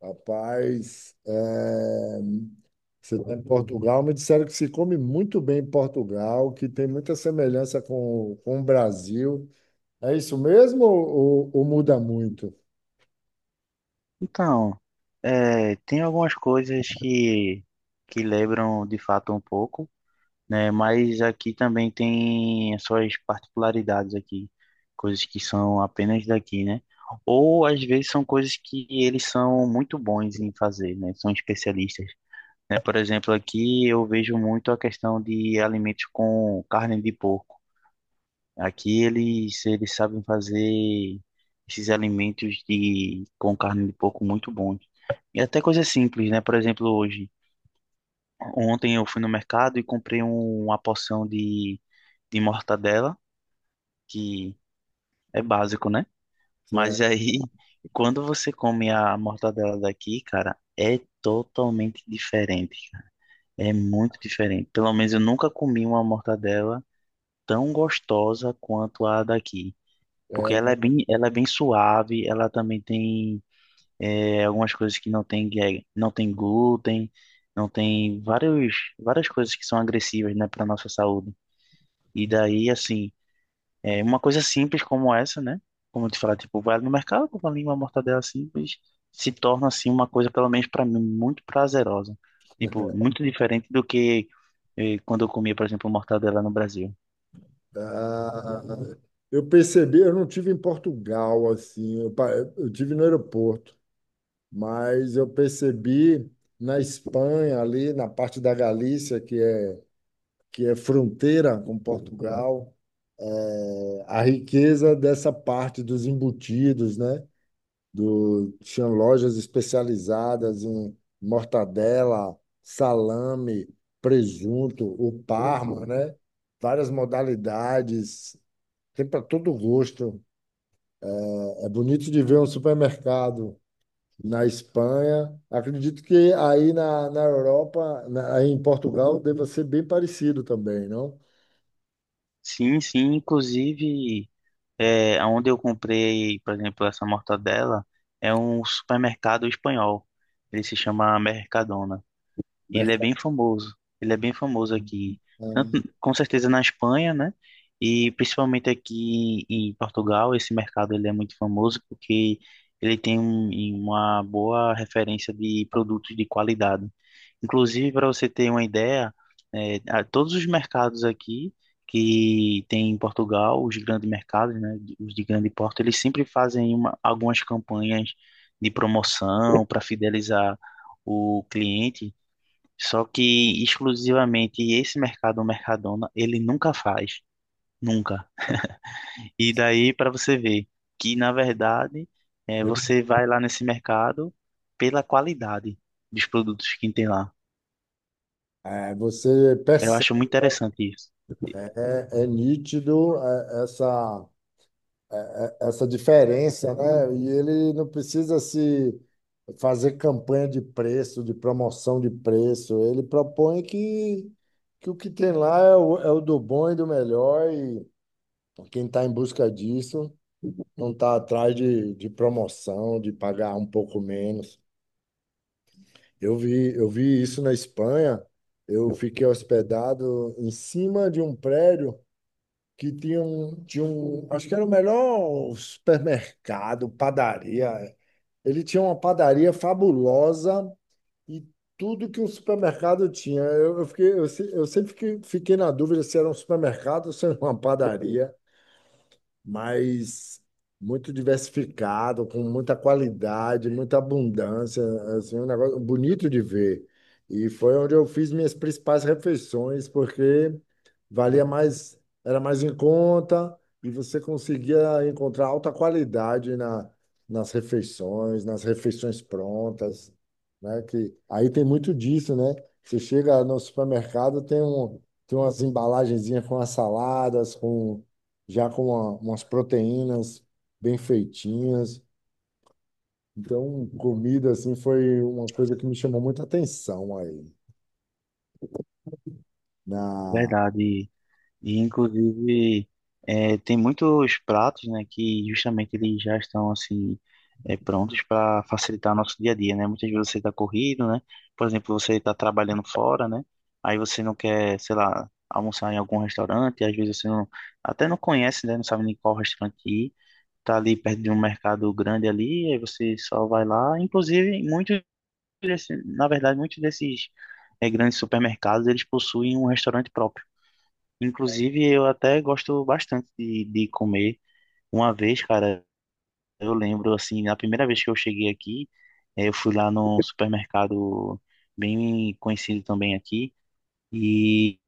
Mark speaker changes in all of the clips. Speaker 1: Rapaz, você está em Portugal, me disseram que se come muito bem em Portugal, que tem muita semelhança com o Brasil. É isso mesmo ou muda muito?
Speaker 2: Então, tem algumas coisas que lembram de fato um pouco, né? Mas aqui também tem as suas particularidades aqui, coisas que são apenas daqui, né? Ou às vezes são coisas que eles são muito bons em fazer, né? São especialistas, né? Por exemplo, aqui eu vejo muito a questão de alimentos com carne de porco. Aqui eles sabem fazer esses alimentos de, com carne de porco muito bons. E até coisa simples, né? Por exemplo, ontem eu fui no mercado e comprei uma porção de mortadela, que é básico, né? Mas
Speaker 1: Certo.
Speaker 2: aí, quando você come a mortadela daqui, cara, é totalmente diferente, cara. É muito diferente. Pelo menos eu nunca comi uma mortadela tão gostosa quanto a daqui. Porque
Speaker 1: É,
Speaker 2: ela é bem suave, ela também tem algumas coisas que não tem, não tem glúten, não tem várias coisas que são agressivas, né, para nossa saúde. E daí, assim, é uma coisa simples como essa, né? Como eu te falar, tipo, vai no mercado, compra ali uma mortadela simples, se torna, assim, uma coisa, pelo menos para mim, muito prazerosa. Tipo, muito diferente do que quando eu comia, por exemplo, mortadela no Brasil.
Speaker 1: ah, eu percebi, eu não tive em Portugal, assim, eu tive no aeroporto, mas eu percebi na Espanha, ali na parte da Galícia, que é fronteira com Portugal, a riqueza dessa parte dos embutidos, né? Do, tinha lojas especializadas em mortadela, salame, presunto, o Parma, né? Várias modalidades, tem para todo gosto. É bonito de ver um supermercado na Espanha. Acredito que aí na Europa, aí em Portugal, deva ser bem parecido também, não?
Speaker 2: Sim, sim, inclusive. É, onde eu comprei, por exemplo, essa mortadela é um supermercado espanhol. Ele se chama Mercadona. Ele é bem famoso. Ele é bem famoso aqui, tanto,
Speaker 1: Mercado-
Speaker 2: com certeza na Espanha, né? E principalmente aqui em Portugal, esse mercado ele é muito famoso porque ele tem uma boa referência de produtos de qualidade. Inclusive, para você ter uma ideia, é, todos os mercados aqui que tem em Portugal, os grandes mercados, né, os de grande porte, eles sempre fazem uma, algumas campanhas de promoção para fidelizar o cliente, só que exclusivamente esse mercado, o Mercadona, ele nunca faz, nunca. E daí para você ver que na verdade você vai lá nesse mercado pela qualidade dos produtos que tem lá.
Speaker 1: você
Speaker 2: Eu
Speaker 1: percebe.
Speaker 2: acho muito interessante isso.
Speaker 1: É nítido, essa diferença, né? E ele não precisa se fazer campanha de preço, de promoção de preço. Ele propõe que o que tem lá é é o do bom e do melhor, e quem está em busca disso não está atrás de promoção, de pagar um pouco menos. Eu vi isso na Espanha. Eu fiquei hospedado em cima de um prédio que tinha acho que era o melhor supermercado, padaria. Ele tinha uma padaria fabulosa e tudo que um supermercado tinha. Eu sempre fiquei na dúvida se era um supermercado ou se era uma padaria, mas muito diversificado, com muita qualidade, muita abundância, assim, um negócio bonito de ver. E foi onde eu fiz minhas principais refeições, porque valia mais, era mais em conta e você conseguia encontrar alta qualidade nas refeições prontas, né? Que aí tem muito disso, né? Você chega no supermercado, tem umas embalagenzinhas com as saladas, com já com umas proteínas bem feitinhas. Então, comida assim foi uma coisa que me chamou muita atenção aí. Na...
Speaker 2: Verdade. E, inclusive, tem muitos pratos, né, que justamente eles já estão, assim, prontos para facilitar nosso dia a dia, né? Muitas vezes você está corrido, né? Por exemplo, você está trabalhando fora, né? Aí você não quer, sei lá, almoçar em algum restaurante, às vezes você não, até não conhece, né? Não sabe nem qual restaurante ir. Tá ali perto de um mercado grande ali, aí você só vai lá. Inclusive, muitos desses, na verdade, muitos desses grandes supermercados, eles possuem um restaurante próprio. Inclusive, eu até gosto bastante de comer. Uma vez, cara, eu lembro, assim, na primeira vez que eu cheguei aqui, eu fui lá num supermercado bem conhecido também aqui, e,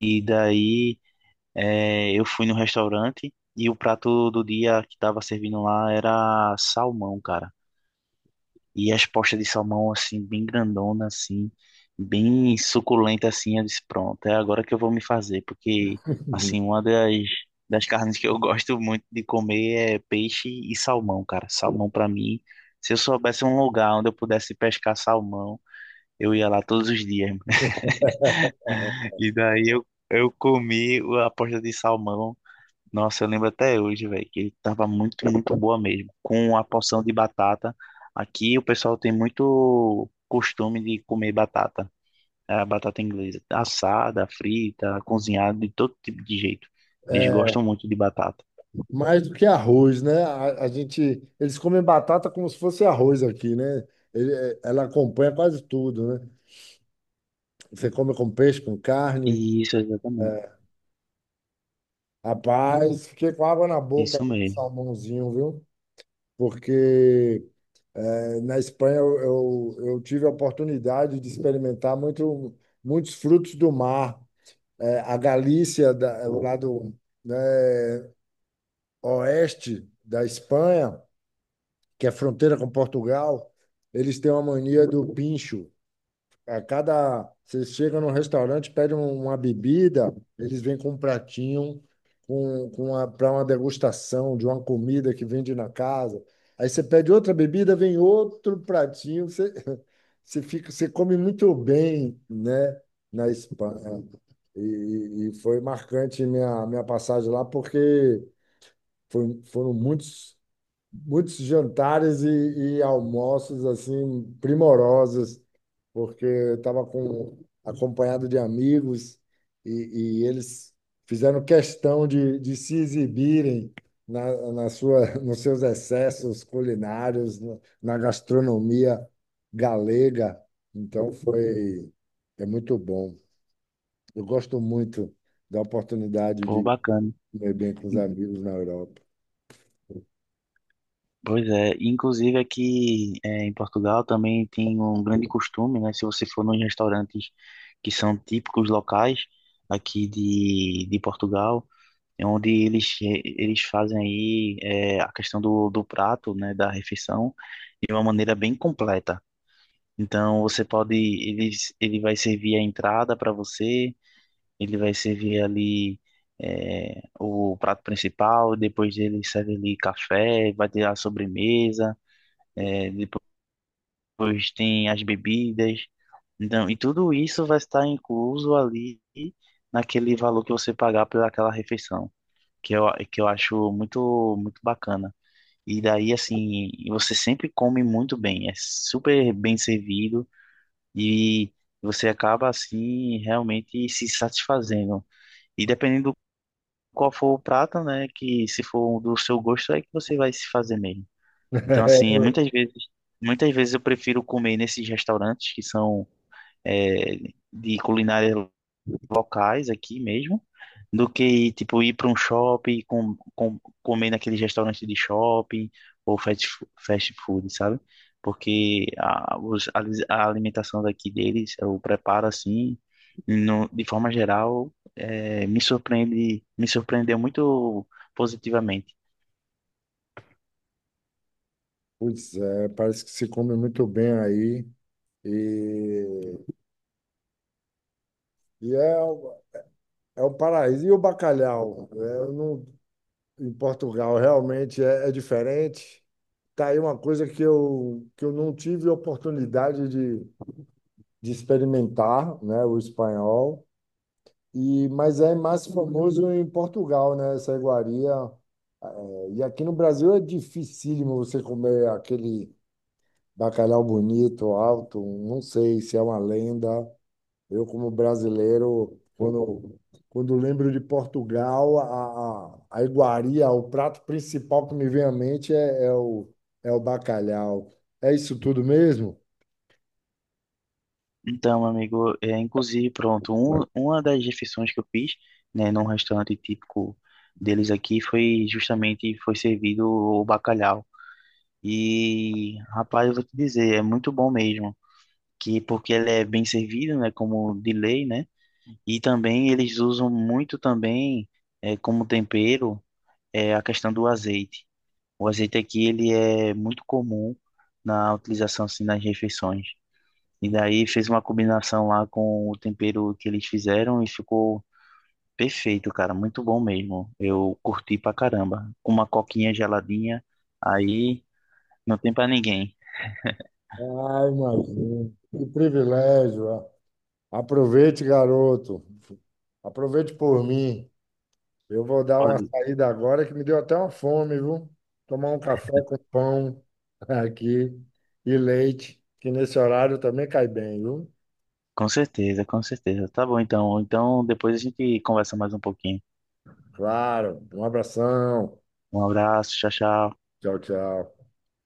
Speaker 2: e daí eu fui no restaurante e o prato do dia que tava servindo lá era salmão, cara. E as postas de salmão, assim, bem grandona, assim, bem suculenta, assim, eu disse, pronto, é agora que eu vou me fazer, porque, assim, uma das, das carnes que eu gosto muito de comer é peixe e salmão, cara. Salmão, pra mim, se eu soubesse um lugar onde eu pudesse pescar salmão, eu ia lá todos os dias. E daí eu comi a posta de salmão. Nossa, eu lembro até hoje, velho, que ele tava muito boa mesmo. Com a porção de batata. Aqui o pessoal tem muito costume de comer batata. É a batata inglesa. Assada, frita, cozinhada, de todo tipo de jeito. Eles gostam muito de batata.
Speaker 1: Mais do que arroz, né? A gente, eles comem batata como se fosse arroz aqui, né? Ela acompanha quase tudo, né? Você come com peixe, com carne.
Speaker 2: Isso, exatamente.
Speaker 1: É, rapaz, fiquei com água na boca
Speaker 2: Isso
Speaker 1: com
Speaker 2: mesmo.
Speaker 1: salmãozinho, viu? Porque na Espanha eu tive a oportunidade de experimentar muitos frutos do mar. A Galícia, o lado, né, oeste da Espanha, que é fronteira com Portugal, eles têm uma mania do pincho a cada. Você chega num restaurante, pede uma bebida, eles vêm com um pratinho com a para uma degustação de uma comida que vende na casa. Aí você pede outra bebida, vem outro pratinho. Você fica, você come muito bem, né, na Espanha. E foi marcante minha passagem lá, porque foram muitos jantares e almoços assim primorosos, porque eu estava com acompanhado de amigos e eles fizeram questão de se exibirem na sua, nos seus excessos culinários, na gastronomia galega. Então foi muito bom. Eu gosto muito da oportunidade
Speaker 2: Pô,
Speaker 1: de
Speaker 2: bacana.
Speaker 1: comer bem com os amigos na Europa.
Speaker 2: Pois é, inclusive aqui em Portugal também tem um grande costume, né? Se você for nos restaurantes que são típicos locais aqui de Portugal, é onde eles, eles fazem aí é, a questão do, do prato, né, da refeição, de uma maneira bem completa. Então você pode, ele vai servir a entrada para você, ele vai servir ali é, o prato principal, depois ele serve ali café, vai ter a sobremesa, é, depois tem as bebidas. Então, e tudo isso vai estar incluso ali naquele valor que você pagar por aquela refeição que eu, que eu acho muito, muito bacana. E daí, assim, você sempre come muito bem, é super bem servido e você acaba, assim, realmente se satisfazendo. E dependendo qual for o prato, né, que se for um do seu gosto, é que você vai se fazer mesmo. Então, assim, é muitas vezes eu prefiro comer nesses restaurantes que são, é, de culinária locais aqui mesmo, do que tipo ir para um shopping, comer naquele restaurante de shopping ou fast food, sabe? Porque a alimentação daqui deles, o preparo assim, no, de forma geral, é, me surpreende, me surpreendeu muito positivamente.
Speaker 1: Pois é, parece que se come muito bem aí. E, e é, o- é o paraíso. E o bacalhau? É, não, em Portugal realmente é diferente. Tá aí uma coisa que que eu não tive oportunidade de experimentar, né, o espanhol. E, mas é mais famoso em Portugal, né, essa iguaria. É, e aqui no Brasil é dificílimo você comer aquele bacalhau bonito, alto. Não sei se é uma lenda. Eu, como brasileiro, quando lembro de Portugal, a iguaria, o prato principal que me vem à mente é o bacalhau. É isso tudo mesmo?
Speaker 2: Então, amigo, é, inclusive, pronto, um, uma das refeições que eu fiz, né, num restaurante típico deles aqui foi justamente foi servido o bacalhau. E, rapaz, eu vou te dizer, é muito bom mesmo. Que porque ele é bem servido, né? Como de lei, né? E também eles usam muito também é, como tempero é, a questão do azeite. O azeite aqui ele é muito comum na utilização assim, nas refeições. E daí fez uma combinação lá com o tempero que eles fizeram e ficou perfeito, cara. Muito bom mesmo. Eu curti pra caramba. Com uma coquinha geladinha, aí não tem pra ninguém.
Speaker 1: Ah, imagino. Que privilégio. Ah. Aproveite, garoto. Aproveite por mim. Eu vou dar uma saída agora que me deu até uma fome, viu? Tomar um café com pão aqui e leite, que nesse horário também cai bem, viu?
Speaker 2: Com certeza, com certeza. Tá bom, então. Então, depois a gente conversa mais um pouquinho.
Speaker 1: Claro. Um abração.
Speaker 2: Um abraço, tchau, tchau.
Speaker 1: Tchau, tchau.